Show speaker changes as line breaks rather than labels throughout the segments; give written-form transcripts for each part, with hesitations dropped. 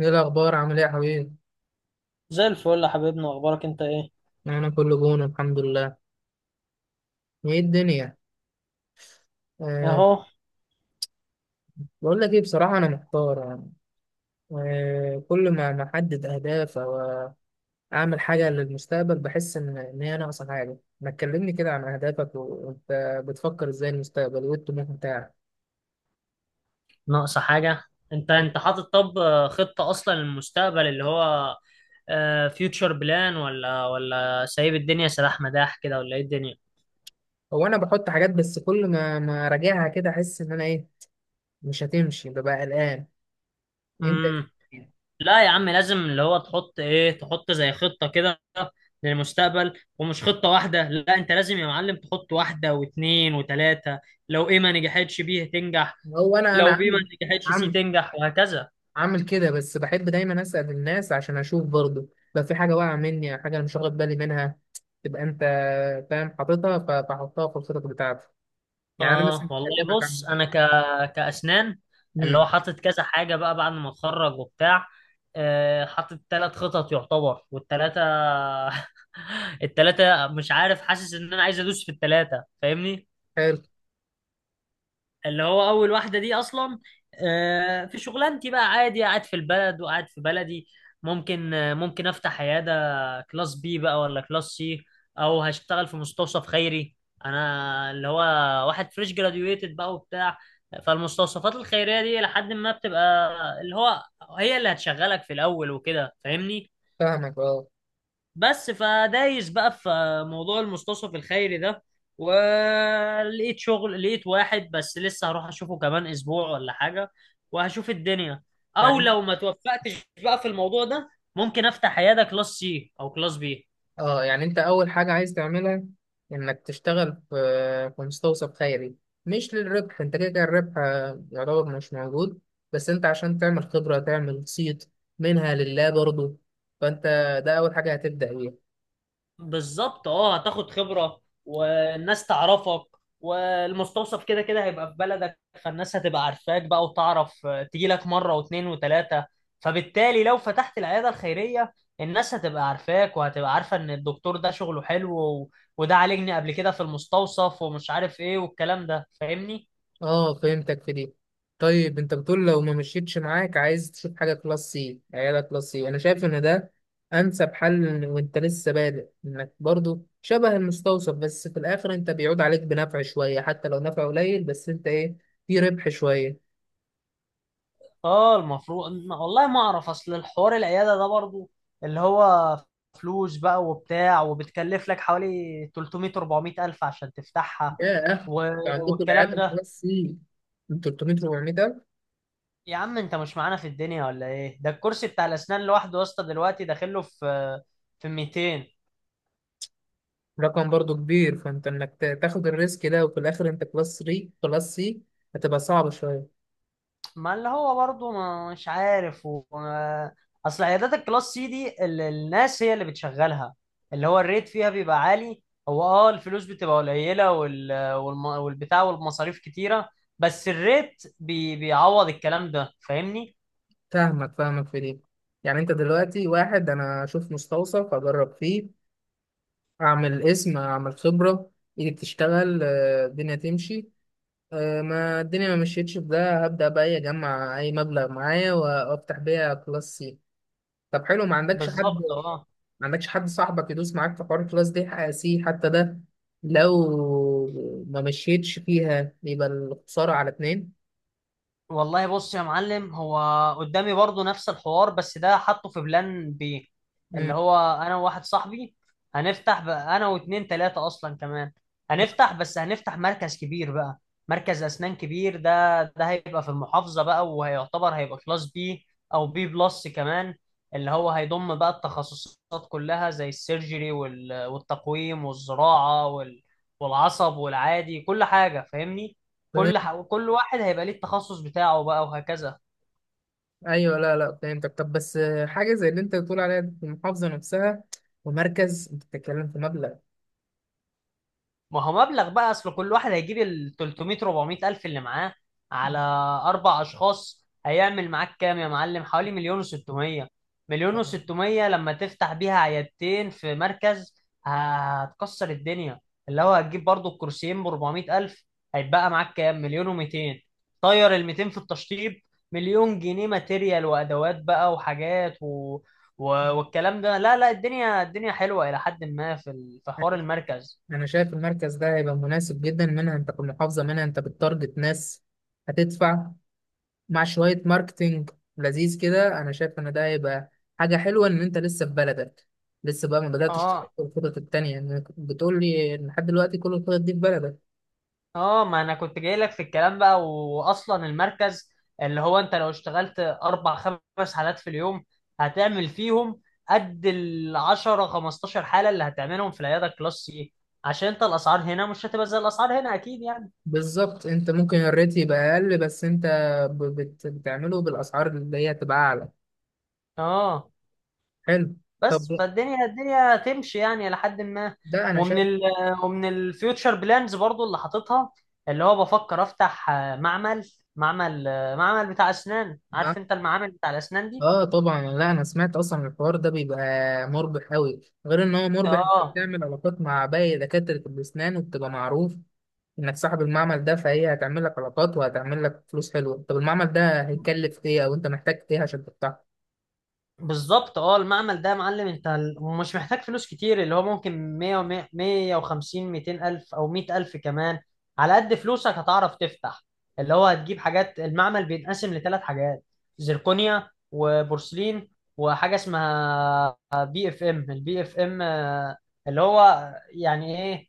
ايه الاخبار؟ عامل ايه يا حبيبي؟
زي الفل يا حبيبنا. اخبارك انت ايه؟
انا كله جون، الحمد لله. ايه الدنيا؟ أه
اهو.
بقول لك ايه، بصراحه انا محتار يعني. كل ما احدد اهداف او اعمل حاجه للمستقبل بحس ان هي ناقصه حاجه. ما تكلمني كده عن اهدافك وانت بتفكر ازاي المستقبل، وايه الطموح بتاعك؟
ناقصة حاجة؟ انت حاطط طب، خطة اصلا للمستقبل اللي هو فيوتشر بلان، ولا سايب الدنيا سلاح مداح كده، ولا ايه الدنيا؟
هو انا بحط حاجات، بس كل ما اراجعها كده احس ان انا ايه، مش هتمشي، ببقى قلقان انت.
امم. لا يا عم، لازم اللي هو تحط ايه، تحط زي خطة كده للمستقبل. ومش خطة واحدة، لا، انت لازم يا معلم تحط واحدة واتنين وتلاتة. لو ايه ما نجحتش بيه تنجح،
هو انا
لو بيه ما نجحتش سي
عامل
تنجح، وهكذا.
عامل كده، بس بحب دايما اسال الناس عشان اشوف برضه لو في حاجه واقعه مني، او حاجه انا مش واخد بالي منها، تبقى انت فاهم حاططها، فحطها في الخطط بتاعتي. يعني انا
اه
مثلا
والله
هكلمك
بص،
عن
انا كاسنان. اللي هو
امم
حاطط كذا حاجه بقى بعد ما اتخرج وبتاع، حاطط ثلاث خطط يعتبر، والثلاثه الثلاثه مش عارف، حاسس ان انا عايز ادوس في الثلاثه، فاهمني؟
حلو.
اللي هو اول واحده دي اصلا، في شغلانتي بقى، عادي قاعد في البلد وقاعد في بلدي. ممكن افتح عياده كلاس بي بقى، ولا كلاس سي، او هشتغل في مستوصف خيري. انا اللي هو واحد فريش جراديويتد بقى وبتاع، فالمستوصفات الخيريه دي لحد ما بتبقى اللي هو هي اللي هتشغلك في الاول وكده، فاهمني؟
فاهمك. اه
بس فدايس بقى في موضوع المستوصف الخيري ده، ولقيت شغل، لقيت واحد، بس لسه هروح اشوفه كمان اسبوع ولا حاجة، وهشوف الدنيا. او
يعني
لو ما توفقتش بقى في الموضوع ده، ممكن افتح عيادة كلاس سي او كلاس بي.
اه يعني انت اول حاجه عايز تعملها انك تشتغل في في مستوصف خيري، مش للربح، انت كده كده الربح يعتبر مش موجود، بس انت عشان تعمل خبره، تعمل صيت، منها لله برضه. فانت ده اول حاجه هتبدا بيها.
بالظبط اه، هتاخد خبرة والناس تعرفك، والمستوصف كده كده هيبقى في بلدك، فالناس هتبقى عارفاك بقى وتعرف، تيجي لك مرة واثنين وثلاثة. فبالتالي لو فتحت العيادة الخيرية، الناس هتبقى عارفاك وهتبقى عارفة ان الدكتور ده شغله حلو، وده عالجني قبل كده في المستوصف ومش عارف ايه والكلام ده، فاهمني؟
اه فهمتك في دي. طيب انت بتقول لو ما مشيتش معاك، عايز تشوف حاجه كلاس سي، عيالك كلاس سي، انا شايف ان ده انسب حل، وانت لسه بادئ، انك برضو شبه المستوصف، بس في الاخر انت بيعود عليك بنفع شويه، حتى لو نفع قليل، بس انت ايه، في ربح شويه.
اه، المفروض والله ما اعرف. اصل الحوار العياده ده برضو اللي هو فلوس بقى وبتاع، وبتكلف لك حوالي 300 400 الف عشان تفتحها،
ياه،
و...
انت عندكم
والكلام
العيال
ده.
كلاس سي من 300 400 الف؟
يا عم، انت مش معانا في الدنيا ولا ايه؟ ده الكرسي بتاع الاسنان لوحده يا اسطى دلوقتي داخله في في 200.
رقم برضو كبير، فانت انك تاخد الريسك ده وفي الاخر انت كلاس 3 كلاس سي هتبقى صعبه شويه.
ما اللي هو برضه، مش عارف، اصل عيادات الكلاس سي دي الناس هي اللي بتشغلها، اللي هو الريت فيها بيبقى عالي. هو اه، الفلوس بتبقى قليلة والبتاع والمصاريف كتيرة، بس الريت بيعوض الكلام ده، فاهمني؟
فاهمك فاهمك في دي. يعني انت دلوقتي واحد انا اشوف مستوصف اجرب فيه، اعمل اسم، اعمل خبرة، ايدي بتشتغل، الدنيا تمشي. ما الدنيا ما مشيتش في ده، هبدأ بقى إيه، اجمع اي مبلغ معايا وافتح بيها كلاس سي. طب حلو، ما عندكش حد،
بالظبط اه.
ما عندكش حد صاحبك يدوس معاك في حوار الكلاس دي حق سي حتى ده، لو ما مشيتش فيها يبقى الخسارة على اتنين.
والله بص يا معلم، هو قدامي برضو نفس الحوار بس ده حاطه في بلان بي. اللي هو انا وواحد صاحبي هنفتح بقى، انا واتنين تلاتة اصلا كمان، هنفتح مركز كبير بقى، مركز اسنان كبير. ده هيبقى في المحافظة بقى، وهيعتبر هيبقى كلاس بي او بي بلس كمان. اللي هو هيضم بقى التخصصات كلها زي السيرجري، والتقويم والزراعة، والعصب والعادي، كل حاجة فاهمني.
مم.
كل واحد هيبقى ليه التخصص بتاعه بقى، وهكذا.
ايوه، لا فهمتك. طب بس حاجه زي اللي انت بتقول عليها دي في المحافظه نفسها، ومركز، انت بتتكلم في مبلغ.
ما هو مبلغ بقى، اصل كل واحد هيجيب ال 300 400 الف اللي معاه، على اربع اشخاص هيعمل معاك كام يا معلم؟ حوالي مليون و600. لما تفتح بيها عيادتين في مركز هتكسر الدنيا. اللي هو هتجيب برضو الكرسيين ب 400 الف، هيتبقى معاك كام؟ مليون و200. طير ال 200 في التشطيب، مليون جنيه ماتيريال وادوات بقى وحاجات، والكلام ده. لا لا، الدنيا الدنيا حلوة الى حد ما في حوار المركز.
انا شايف المركز ده هيبقى مناسب جدا، منها انت في المحافظه، منها انت بتتارجت ناس هتدفع، مع شويه ماركتينج لذيذ كده. انا شايف ان ده هيبقى حاجه حلوه، ان انت لسه في بلدك، لسه بقى ما بداتش تفكر
اه
الخطط التانيه. يعني بتقول لي إن لحد دلوقتي كل الخطط دي في بلدك.
اه، ما انا كنت جاي لك في الكلام بقى. واصلا المركز اللي هو انت لو اشتغلت اربع خمس حالات في اليوم، هتعمل فيهم قد ال 10 15 حاله اللي هتعملهم في العياده كلاس سي، عشان انت الاسعار هنا مش هتبقى زي الاسعار هنا اكيد يعني.
بالظبط. انت ممكن الريت يبقى اقل، بس انت بتعمله بالاسعار اللي هي تبقى اعلى.
اه
حلو. طب
بس
ده،
فالدنيا الدنيا تمشي يعني لحد ما.
ده انا
ومن
شايف
ال ومن الفيوتشر بلانز برضو اللي حاططها، اللي هو بفكر افتح معمل بتاع اسنان. عارف
معاك.
انت المعامل بتاع الاسنان دي؟
اه طبعا، لا انا سمعت اصلا الحوار ده بيبقى مربح قوي، غير ان هو مربح، انت
اه
بتعمل علاقات مع باقي دكاترة الاسنان وبتبقى معروف انك صاحب المعمل ده، فهي هتعمل لك علاقات وهتعمل لك فلوس حلوة. طب المعمل ده هيكلف ايه، او انت محتاج ايه عشان تفتحه؟
بالظبط اه. المعمل ده يا معلم، انت مش محتاج فلوس كتير، اللي هو ممكن 100 150 200 الف او 100 الف كمان، على قد فلوسك هتعرف تفتح. اللي هو هتجيب حاجات المعمل، بينقسم لثلاث حاجات: زركونيا وبورسلين، وحاجه اسمها بي اف ام. البي اف ام اللي هو يعني ايه؟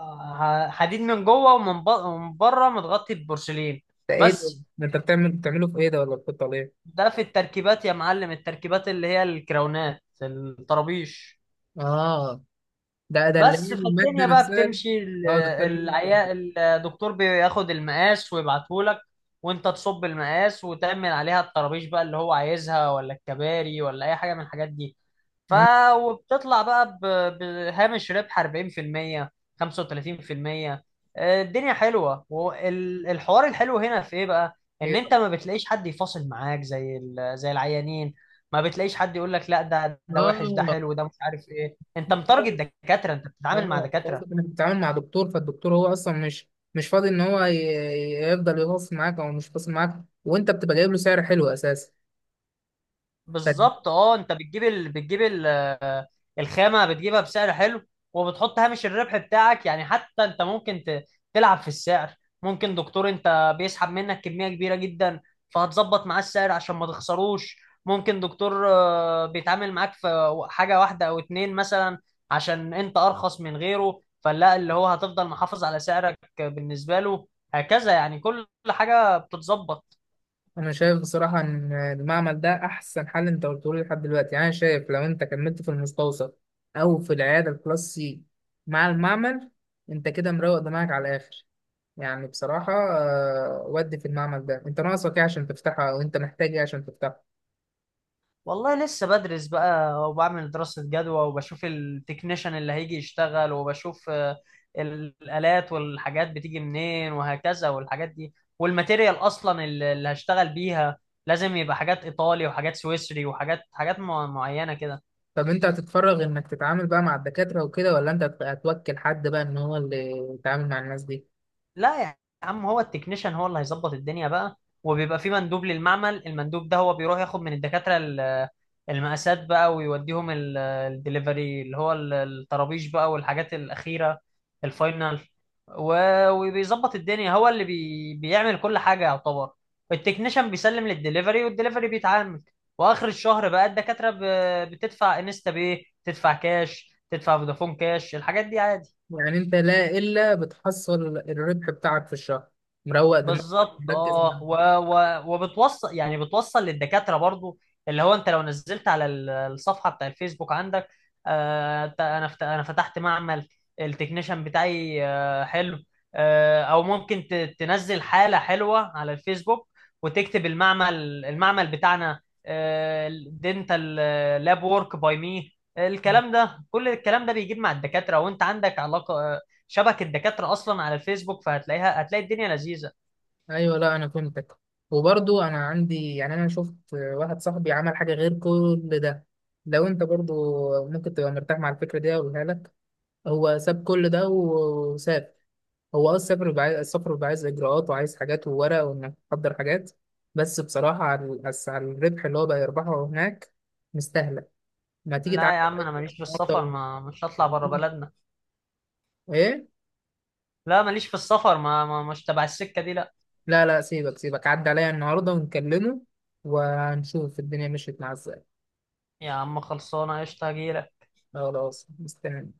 حديد من جوه ومن بره متغطي ببورسلين.
ده ايه؟ ده
بس
انت بتعمل بتعمله في ايه ده، ولا بتحطه على ايه؟
ده في التركيبات يا معلم، التركيبات اللي هي الكراونات الطرابيش.
اه. ده اللي
بس
هي
في
المادة
الدنيا بقى
نفسها.
بتمشي ال-
اه، اللي بتعمل منها الفرمول.
العيا الدكتور بياخد المقاس ويبعتهولك، وانت تصب المقاس وتعمل عليها الطرابيش بقى اللي هو عايزها، ولا الكباري، ولا اي حاجه من الحاجات دي. ف
مم،
وبتطلع بقى بهامش ربح 40% 35%. الدنيا حلوه. والحوار الحلو هنا في ايه بقى؟ ان
هي-
انت ما بتلاقيش حد يفاصل معاك زي زي العيانين، ما بتلاقيش حد يقول لك: لا، ده وحش، ده
اه،
حلو، ده مش عارف ايه، انت متارجت
برضه-
دكاتره، انت بتتعامل مع
اه
دكاتره.
قصدك انك بتتعامل مع دكتور، فالدكتور هو اصلا مش مش فاضي ان هو يفضل يواصل معاك او مش فاصل معاك، وانت بتبقى جايب له سعر حلو اساسا.
بالظبط اه. انت بتجيب ال... بتجيب ال... آه، الخامه بتجيبها بسعر حلو. وبتحط هامش الربح بتاعك، يعني حتى انت ممكن تلعب في السعر. ممكن دكتور انت بيسحب منك كميه كبيره جدا، فهتظبط معاه السعر عشان ما تخسروش. ممكن دكتور بيتعامل معاك في حاجه واحده او اتنين مثلا، عشان انت ارخص من غيره، فلا اللي هو هتفضل محافظ على سعرك بالنسبه له. هكذا يعني كل حاجه بتتظبط.
انا شايف بصراحه ان المعمل ده احسن حل انت قلته لي لحد دلوقتي. يعني انا شايف لو انت كملت في المستوصف او في العياده الكلاس سي مع المعمل، انت كده مروق دماغك على الاخر. يعني بصراحه ودي. في المعمل ده انت ناقصك ايه عشان تفتحها، او انت محتاج ايه عشان تفتحها؟
والله لسه بدرس بقى، وبعمل دراسة جدوى، وبشوف التكنيشن اللي هيجي يشتغل، وبشوف الآلات والحاجات بتيجي منين، وهكذا. والحاجات دي والماتيريال أصلا اللي هشتغل بيها لازم يبقى حاجات إيطالي وحاجات سويسري حاجات معينة كده.
طب انت هتتفرغ انك تتعامل بقى مع الدكاتره وكده، ولا انت هتوكل حد بقى ان هو اللي يتعامل مع الناس دي؟
لا يا عم، هو التكنيشن هو اللي هيظبط الدنيا بقى. وبيبقى في مندوب للمعمل. المندوب ده هو بيروح ياخد من الدكاترة المقاسات بقى، ويوديهم الدليفري اللي هو الطرابيش بقى والحاجات الأخيرة، الفاينل. وبيظبط الدنيا، هو اللي بيعمل كل حاجة يعتبر. التكنيشن بيسلم للدليفري، والدليفري بيتعامل. وآخر الشهر بقى الدكاترة بتدفع انستا باي، تدفع كاش، تدفع فودافون كاش، الحاجات دي عادي.
يعني انت لا الا بتحصل الربح بتاعك في الشهر، مروق دماغك،
بالظبط
مركز مع
اه.
الناس.
وبتوصل، يعني بتوصل للدكاتره برضو. اللي هو انت لو نزلت على الصفحه بتاع الفيسبوك عندك، انا فتحت معمل التكنيشن بتاعي. حلو. او ممكن تنزل حاله حلوه على الفيسبوك، وتكتب المعمل بتاعنا: دينتال لاب وورك باي مي. الكلام ده كل الكلام ده بيجيب مع الدكاتره. وانت عندك علاقه، شبكه دكاتره اصلا على الفيسبوك، فهتلاقيها هتلاقي الدنيا لذيذه.
ايوه، لا انا فهمتك. وبرضو انا عندي، يعني انا شفت واحد صاحبي عمل حاجه غير كل ده، لو انت برضو ممكن تبقى مرتاح مع الفكره دي اقولها لك. هو ساب كل ده وساب، هو اه السفر بيبقى عايز، السفر بيبقى عايز اجراءات وعايز حاجات وورق وانك تحضر حاجات، بس بصراحه على بس على الربح اللي هو بقى يربحه هناك مستاهله. ما تيجي
لا
تعدي
يا عم،
عليا
انا ماليش في
النهارده
السفر. ما مش هطلع بره
ونكلمه.
بلدنا.
ايه؟
لا، ماليش في السفر. ما مش تبع السكه دي، لا.
لا لا، سيبك عدى عليا النهارده ونكلمه، ونشوف الدنيا مشيت معاه ازاي.
يا عم، خلصانه قشطه، هجيلك.
خلاص، مستني.